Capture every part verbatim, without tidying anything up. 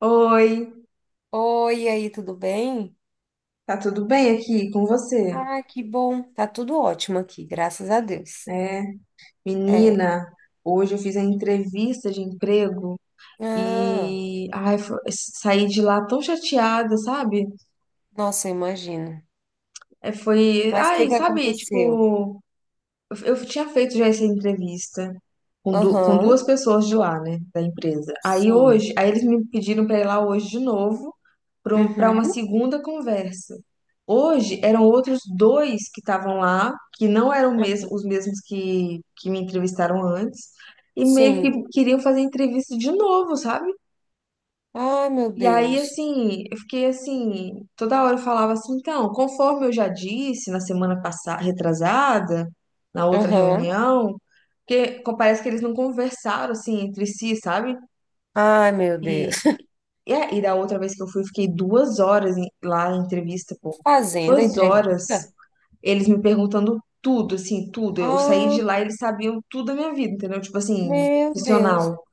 Oi, Oi, e aí, tudo bem? tá tudo bem aqui com você? Ah, que bom. Tá tudo ótimo aqui, graças a Deus. É, É. menina, hoje eu fiz a entrevista de emprego Ah, e ai, fo- saí de lá tão chateada, sabe? nossa, eu imagino. É, foi, Mas o que ai, que sabe, aconteceu? tipo, Eu eu tinha feito já essa entrevista com, du- com Aham, duas pessoas de lá, né, da empresa. Aí sim. hoje, aí eles me pediram para ir lá hoje de novo para uma Uhum, segunda conversa. Hoje eram outros dois que estavam lá, que não eram mes- os mesmos que, que me entrevistaram antes, e meio que sim. queriam fazer entrevista de novo, sabe? Ai, meu E aí, Deus. assim, eu fiquei assim, toda hora eu falava assim, então, conforme eu já disse na semana passada, retrasada, na outra Aham. reunião, porque co- parece que eles não conversaram assim entre si, sabe? Ai, meu Deus. E, a- e da outra vez que eu fui, eu fiquei duas horas em- lá na entrevista, pô. Fazendo a Duas entrevista? horas, eles me perguntando tudo, assim, tudo. Eu saí de Ah, lá e eles sabiam tudo da minha vida, entendeu? Tipo assim, meu Deus. profissional.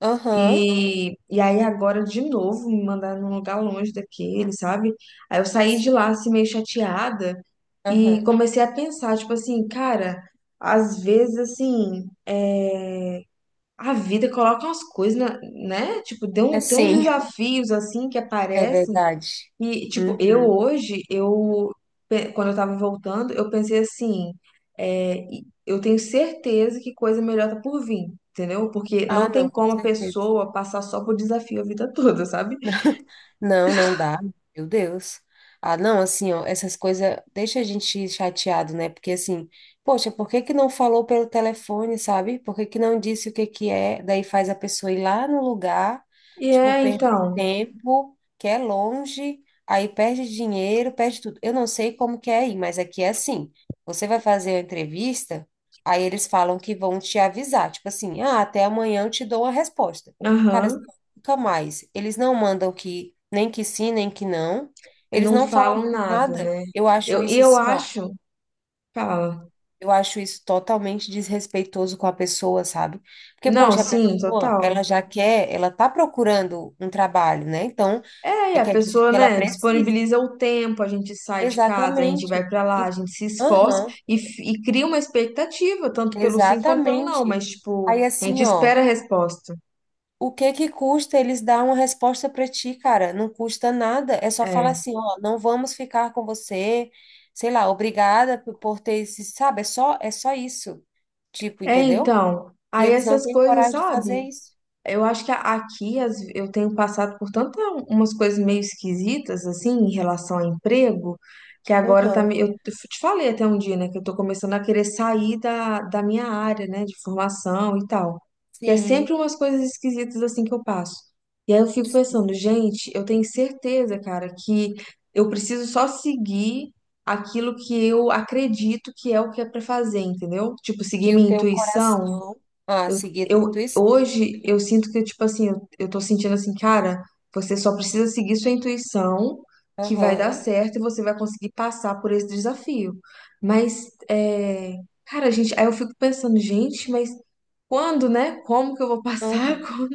Aham, E, e aí agora de novo me mandaram num lugar longe daquele, sabe? Aí eu saí de lá assim meio chateada e aham. comecei a pensar, tipo assim, cara, às vezes assim, é, a vida coloca umas coisas, na- né? Tipo, tem, É um, tem uns sim, desafios assim que é aparecem verdade. e, tipo, eu Uhum. hoje, eu, pe- quando eu tava voltando, eu pensei assim, é, e- eu tenho certeza que coisa melhor tá por vir, entendeu? Porque Ah, não tem não, com como a certeza. pessoa passar só por desafio a vida toda, sabe? Não, não dá. Meu Deus. Ah, não, assim, ó, essas coisas deixa a gente chateado, né? Porque assim, poxa, por que que não falou pelo telefone, sabe? Por que que não disse o que que é? Daí faz a pessoa ir lá no lugar, E tipo, é, perder então, tempo, que é longe, aí perde dinheiro, perde tudo. Eu não sei como que é aí, mas aqui é assim. Você vai fazer a entrevista, aí eles falam que vão te avisar, tipo assim, ah, até amanhã eu te dou a resposta. Cara, aham, mais. Eles não mandam que nem que sim, nem que não. Eles não não falam falam mais nada, nada. né? Eu acho Eu, e isso eu assim, ó. acho, fala. Eu acho isso totalmente desrespeitoso com a pessoa, sabe? Porque, Não, poxa, a sim, pessoa, total. ela já quer, ela tá procurando um trabalho, né? Então, É, e é, a quer dizer pessoa, que ela né, precisa. disponibiliza o tempo, a gente sai de casa, a gente vai Exatamente. pra lá, E- a gente se esforça Aham, e, f- e cria uma expectativa, tanto pelo sim quanto pelo não, exatamente. mas, tipo, Aí, a gente assim, ó. espera a resposta. O que que custa eles dar uma resposta para ti, cara? Não custa nada. É só falar É, assim, ó, não vamos ficar com você. Sei lá, obrigada por por ter esse, sabe? É só, é só isso. Tipo, é entendeu? então, E aí eles não essas têm coisas, coragem de fazer sabe? isso. Eu acho que a- aqui as- eu tenho passado por tantas umas coisas meio esquisitas, assim, em relação a emprego, que agora tá, me- Aham. eu te falei até um dia, né, que eu tô começando a querer sair da, da minha área, né, de formação e tal. Que é Sim, sempre umas coisas esquisitas, assim, que eu passo. E aí eu fico pensando, gente, eu tenho certeza, cara, que eu preciso só seguir aquilo que eu acredito que é o que é pra fazer, entendeu? Tipo, seguir que o minha teu intuição, coração, ah, eu, seguir a tua eu, intuição. hoje eu sinto que, tipo assim, eu, eu tô sentindo assim, cara, você só precisa seguir sua intuição, que vai dar Aham. certo e você vai conseguir passar por esse desafio. Mas, é, cara, gente, aí eu fico pensando, gente, mas quando, né? Como que eu vou passar? Aham. Quando?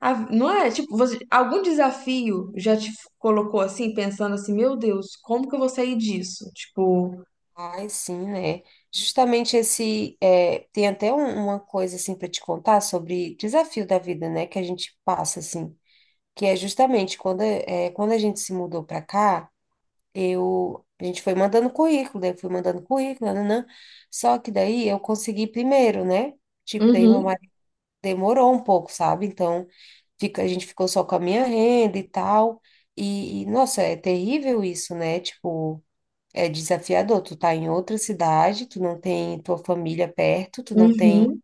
A- não é? Tipo, você, algum desafio já te colocou assim, pensando assim, meu Deus, como que eu vou sair disso? Tipo, Ai, sim, né? Justamente esse. É, tem até um- uma coisa, assim, para te contar sobre desafio da vida, né? Que a gente passa, assim. Que é justamente quando, é, quando a gente se mudou para cá, eu, a gente foi mandando currículo, daí eu fui mandando currículo, nananã. Só que daí eu consegui primeiro, né? Tipo, daí meu uhum, marido demorou um pouco, sabe? Então, fica, a gente ficou só com a minha renda e tal. E, e, nossa, é terrível isso, né? Tipo, é desafiador. Tu tá em outra cidade, tu não tem tua família perto, tu não tem uhum,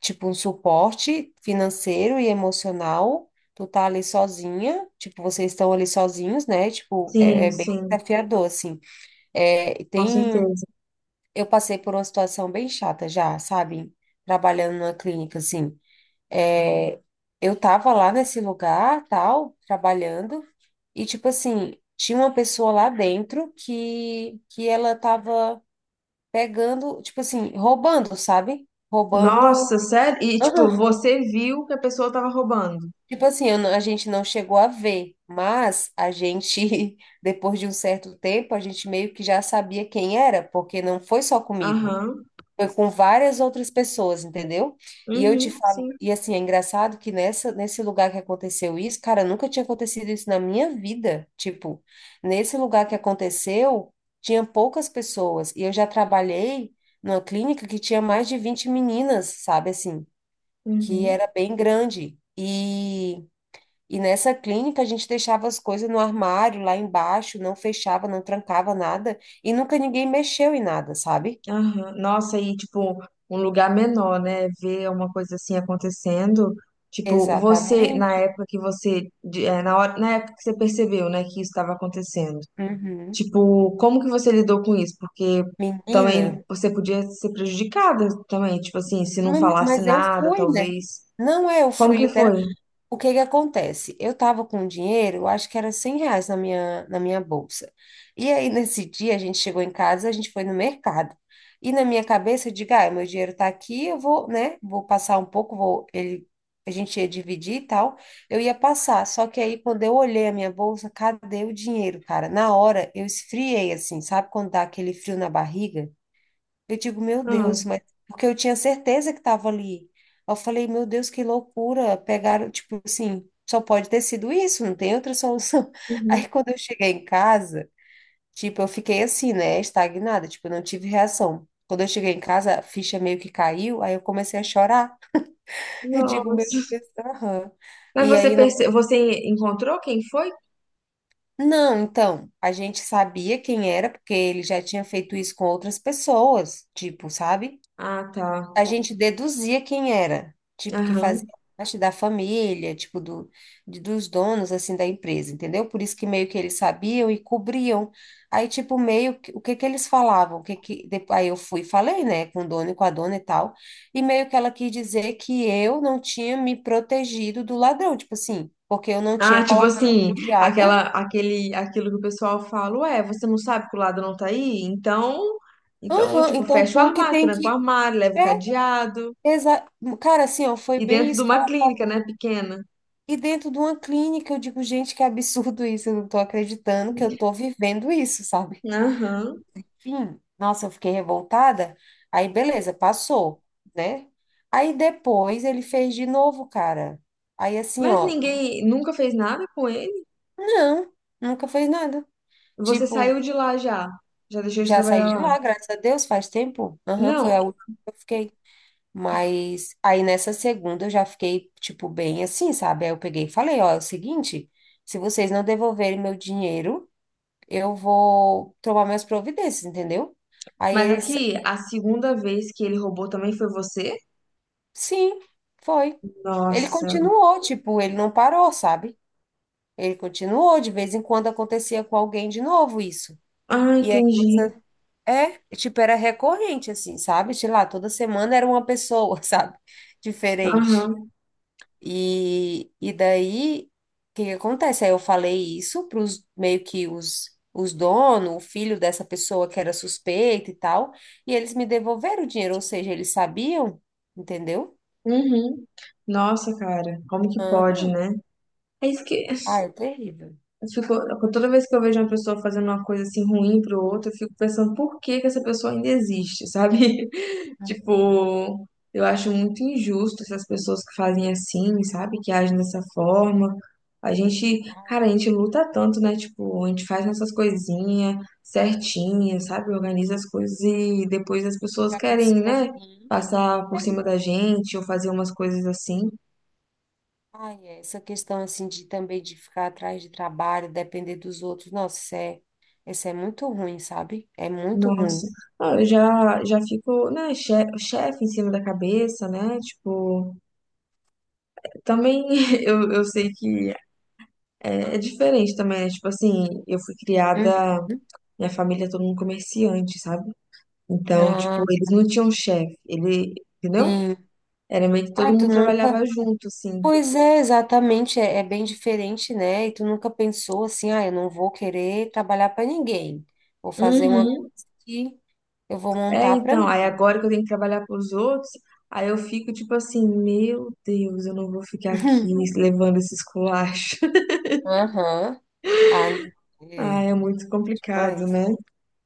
tipo, um suporte financeiro e emocional. Tu tá ali sozinha, tipo, vocês estão ali sozinhos, né? Tipo, é, sim, é bem sim, desafiador, assim. É, com tem, certeza. eu passei por uma situação bem chata já, sabe? Trabalhando numa clínica, assim. É, eu tava lá nesse lugar, tal, trabalhando, e, tipo assim, tinha uma pessoa lá dentro que, que ela tava pegando, tipo assim, roubando, sabe? Roubando. Nossa, sério? E, tipo, você viu que a pessoa tava roubando? Tipo assim, eu não- a gente não chegou a ver, mas a gente, depois de um certo tempo, a gente meio que já sabia quem era, porque não foi só comigo, Aham. foi com várias outras pessoas, entendeu? E eu te Uhum, falo, sim. e assim, é engraçado que nessa, nesse lugar que aconteceu isso, cara, nunca tinha acontecido isso na minha vida. Tipo, nesse lugar que aconteceu, tinha poucas pessoas, e eu já trabalhei numa clínica que tinha mais de vinte meninas, sabe assim, que Uhum, era bem grande. E e nessa clínica a gente deixava as coisas no armário, lá embaixo, não fechava, não trancava nada, e nunca ninguém mexeu em nada, sabe? aham. Nossa, e, tipo, um lugar menor, né? Ver uma coisa assim acontecendo. Tipo, você, na Exatamente. época que você, de- é, na hora, na época que você percebeu, né, que isso estava acontecendo. Uhum. Tipo, como que você lidou com isso? Porque Menina, também você podia ser prejudicada também, tipo assim, se não mas falasse mas eu nada, fui, né? talvez. Não é, eu Como fui. que foi? O que que acontece? Eu tava com um dinheiro, eu acho que era cem reais na minha, na minha bolsa. E aí, nesse dia, a gente chegou em casa, a gente foi no mercado. E na minha cabeça, eu digo, ah, meu dinheiro tá aqui, eu vou, né, vou passar um pouco, vou, ele, a gente ia dividir e tal, eu ia passar. Só que aí, quando eu olhei a minha bolsa, cadê o dinheiro, cara? Na hora, eu esfriei, assim, sabe quando dá aquele frio na barriga? Eu digo, meu Ah, Deus, mas porque eu tinha certeza que estava ali. Eu falei, meu Deus, que loucura. Pegaram, tipo assim, só pode ter sido isso, não tem outra solução. uhum. Aí quando eu cheguei em casa, tipo, eu fiquei assim, né, estagnada, tipo, eu não tive reação. Quando eu cheguei em casa, a ficha meio que caiu, aí eu comecei a chorar. Eu digo, meu Nossa. Deus, aham. Mas E você aí, não, perce... você encontrou quem foi? não, então, a gente sabia quem era, porque ele já tinha feito isso com outras pessoas, tipo, sabe? Ah, tá. A gente deduzia quem era, tipo, que fazia Aham. parte da família, tipo, do, de- dos donos, assim, da empresa, entendeu? Por isso que meio que eles sabiam e cobriam. Aí, tipo, meio que, o que que eles falavam, o que que, depois, aí eu fui e falei, né, com o dono e com a dona e tal, e meio que ela quis dizer que eu não tinha me protegido do ladrão, tipo assim, porque eu não tinha Ah, tipo colocado assim, o diário. aquela, aquele, aquilo que o pessoal fala, ué, você não sabe que o lado não tá aí? Então, então, Aham, tipo, então fecha o tu que armário, tem tranca o que... armário, leva o É, cadeado. exa... Cara, assim, ó, foi E bem dentro de isso que uma ela clínica, falou. né, pequena. E dentro de uma clínica, eu digo, gente, que absurdo isso, eu não tô acreditando que eu tô vivendo isso, sabe? Aham. Enfim, nossa, eu fiquei revoltada. Aí, beleza, passou, né? Aí depois ele fez de novo, cara. Aí assim, Mas ó, ninguém nunca fez nada com ele? não, nunca fez nada. Você saiu Tipo, de lá já? Já deixou de já saí trabalhar de lá? lá, graças a Deus, faz tempo. Aham, foi Não, a última que eu fiquei. Mas aí nessa segunda eu já fiquei, tipo, bem assim, sabe? Aí eu peguei e falei, ó, é o seguinte, se vocês não devolverem meu dinheiro, eu vou tomar minhas providências, entendeu? Aí mas eles, aqui, a segunda vez que ele roubou também foi você? sim, foi. Ele Nossa. continuou, tipo, ele não parou, sabe? Ele continuou, de vez em quando acontecia com alguém de novo isso. Ah, E a entendi. igreja, é, é, tipo, era recorrente, assim, sabe? Sei lá, toda semana era uma pessoa, sabe? Diferente. Aham. E, e daí, o que que acontece? Aí eu falei isso para os meio que os, os donos, o filho dessa pessoa que era suspeita e tal, e eles me devolveram o dinheiro, ou seja, eles sabiam, entendeu? Uhum. Nossa, cara, como que pode, Aham. né? É isso que Ai, é terrível. eu fico, toda vez que eu vejo uma pessoa fazendo uma coisa assim ruim pro outro, eu fico pensando por que que essa pessoa ainda existe, sabe? Então, Tipo, eu acho muito injusto essas pessoas que fazem assim, sabe? Que agem dessa forma. A gente, ai, é cara, a gente terrível. luta tanto, né? Tipo, a gente faz nossas coisinhas certinhas, sabe? Organiza as coisas e depois as pessoas Para a querem, pessoa né? vir. Passar É, por né? cima da gente ou fazer umas coisas assim. Ai, é, essa questão assim de também de ficar atrás de trabalho, depender dos outros, nossa, isso é, isso é muito ruim, sabe? É muito ruim. Nossa, ah, eu já, já fico, né, che- chefe em cima da cabeça, né? Tipo, também eu, eu sei que é, é diferente também, né? Tipo assim, eu fui criada, Uhum. minha família é todo mundo comerciante, sabe? Então, tipo, Ah, eles não tinham chefe, ele, entendeu? sim. Era meio que todo Ai, tu mundo trabalhava nunca. junto, assim. Pois é, exatamente, é, é bem diferente, né? E tu nunca pensou assim, ah, eu não vou querer trabalhar para ninguém. Vou fazer uma coisa Uhum. que eu vou É, montar para então, mim. aí agora que eu tenho que trabalhar pros outros, aí eu fico tipo assim, meu Deus, eu não vou ficar aqui levando esses culachos. Aham. Ah, não, é, Ah, é é muito complicado, demais. né?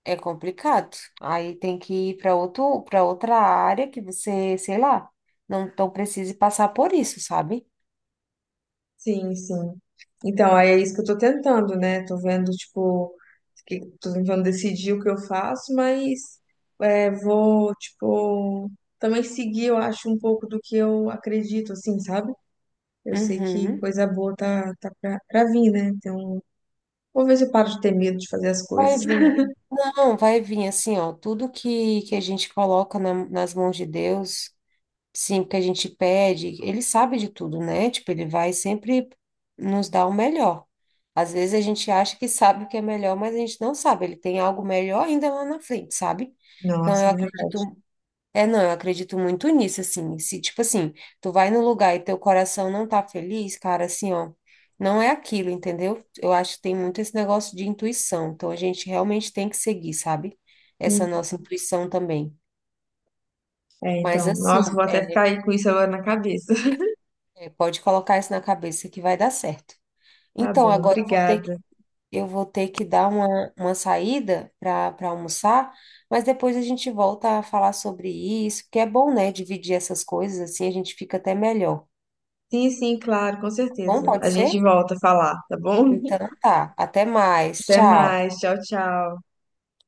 É complicado. Aí tem que ir para outro, para outra área que você, sei lá, não, não precise passar por isso, sabe? Sim, sim. Então, aí é isso que eu tô tentando, né? Tô vendo, tipo, que, tô tentando decidir o que eu faço, mas é, vou, tipo, também seguir, eu acho, um pouco do que eu acredito, assim, sabe? Eu sei que Uhum. coisa boa tá, tá pra, pra vir, né? Então, vou ver se eu paro de ter medo de fazer as Vai coisas. vir. Não, vai vir assim, ó, tudo que, que, a gente coloca na- nas mãos de Deus. Sim, porque a gente pede, ele sabe de tudo, né? Tipo, ele vai sempre nos dar o melhor. Às vezes a gente acha que sabe o que é melhor, mas a gente não sabe. Ele tem algo melhor ainda lá na frente, sabe? Então Nossa, eu é acredito. verdade. É, não, eu acredito muito nisso, assim. Se, tipo assim, tu vai no lugar e teu coração não tá feliz, cara, assim, ó, não é aquilo, entendeu? Eu acho que tem muito esse negócio de intuição. Então a gente realmente tem que seguir, sabe? Essa nossa intuição também. É, Mas então, assim. nossa, vou até ficar aí com isso agora na cabeça. É, pode colocar isso na cabeça que vai dar certo. Tá Então, bom, agora eu vou ter que, obrigada. eu vou ter que dar uma, uma saída para para almoçar, mas depois a gente volta a falar sobre isso, porque é bom, né? Dividir essas coisas assim, a gente fica até melhor. Tá Sim, sim, claro, com bom, certeza. A pode gente ser? volta a falar, tá bom? Então tá. Até mais. Até Tchau. mais. Tchau, tchau.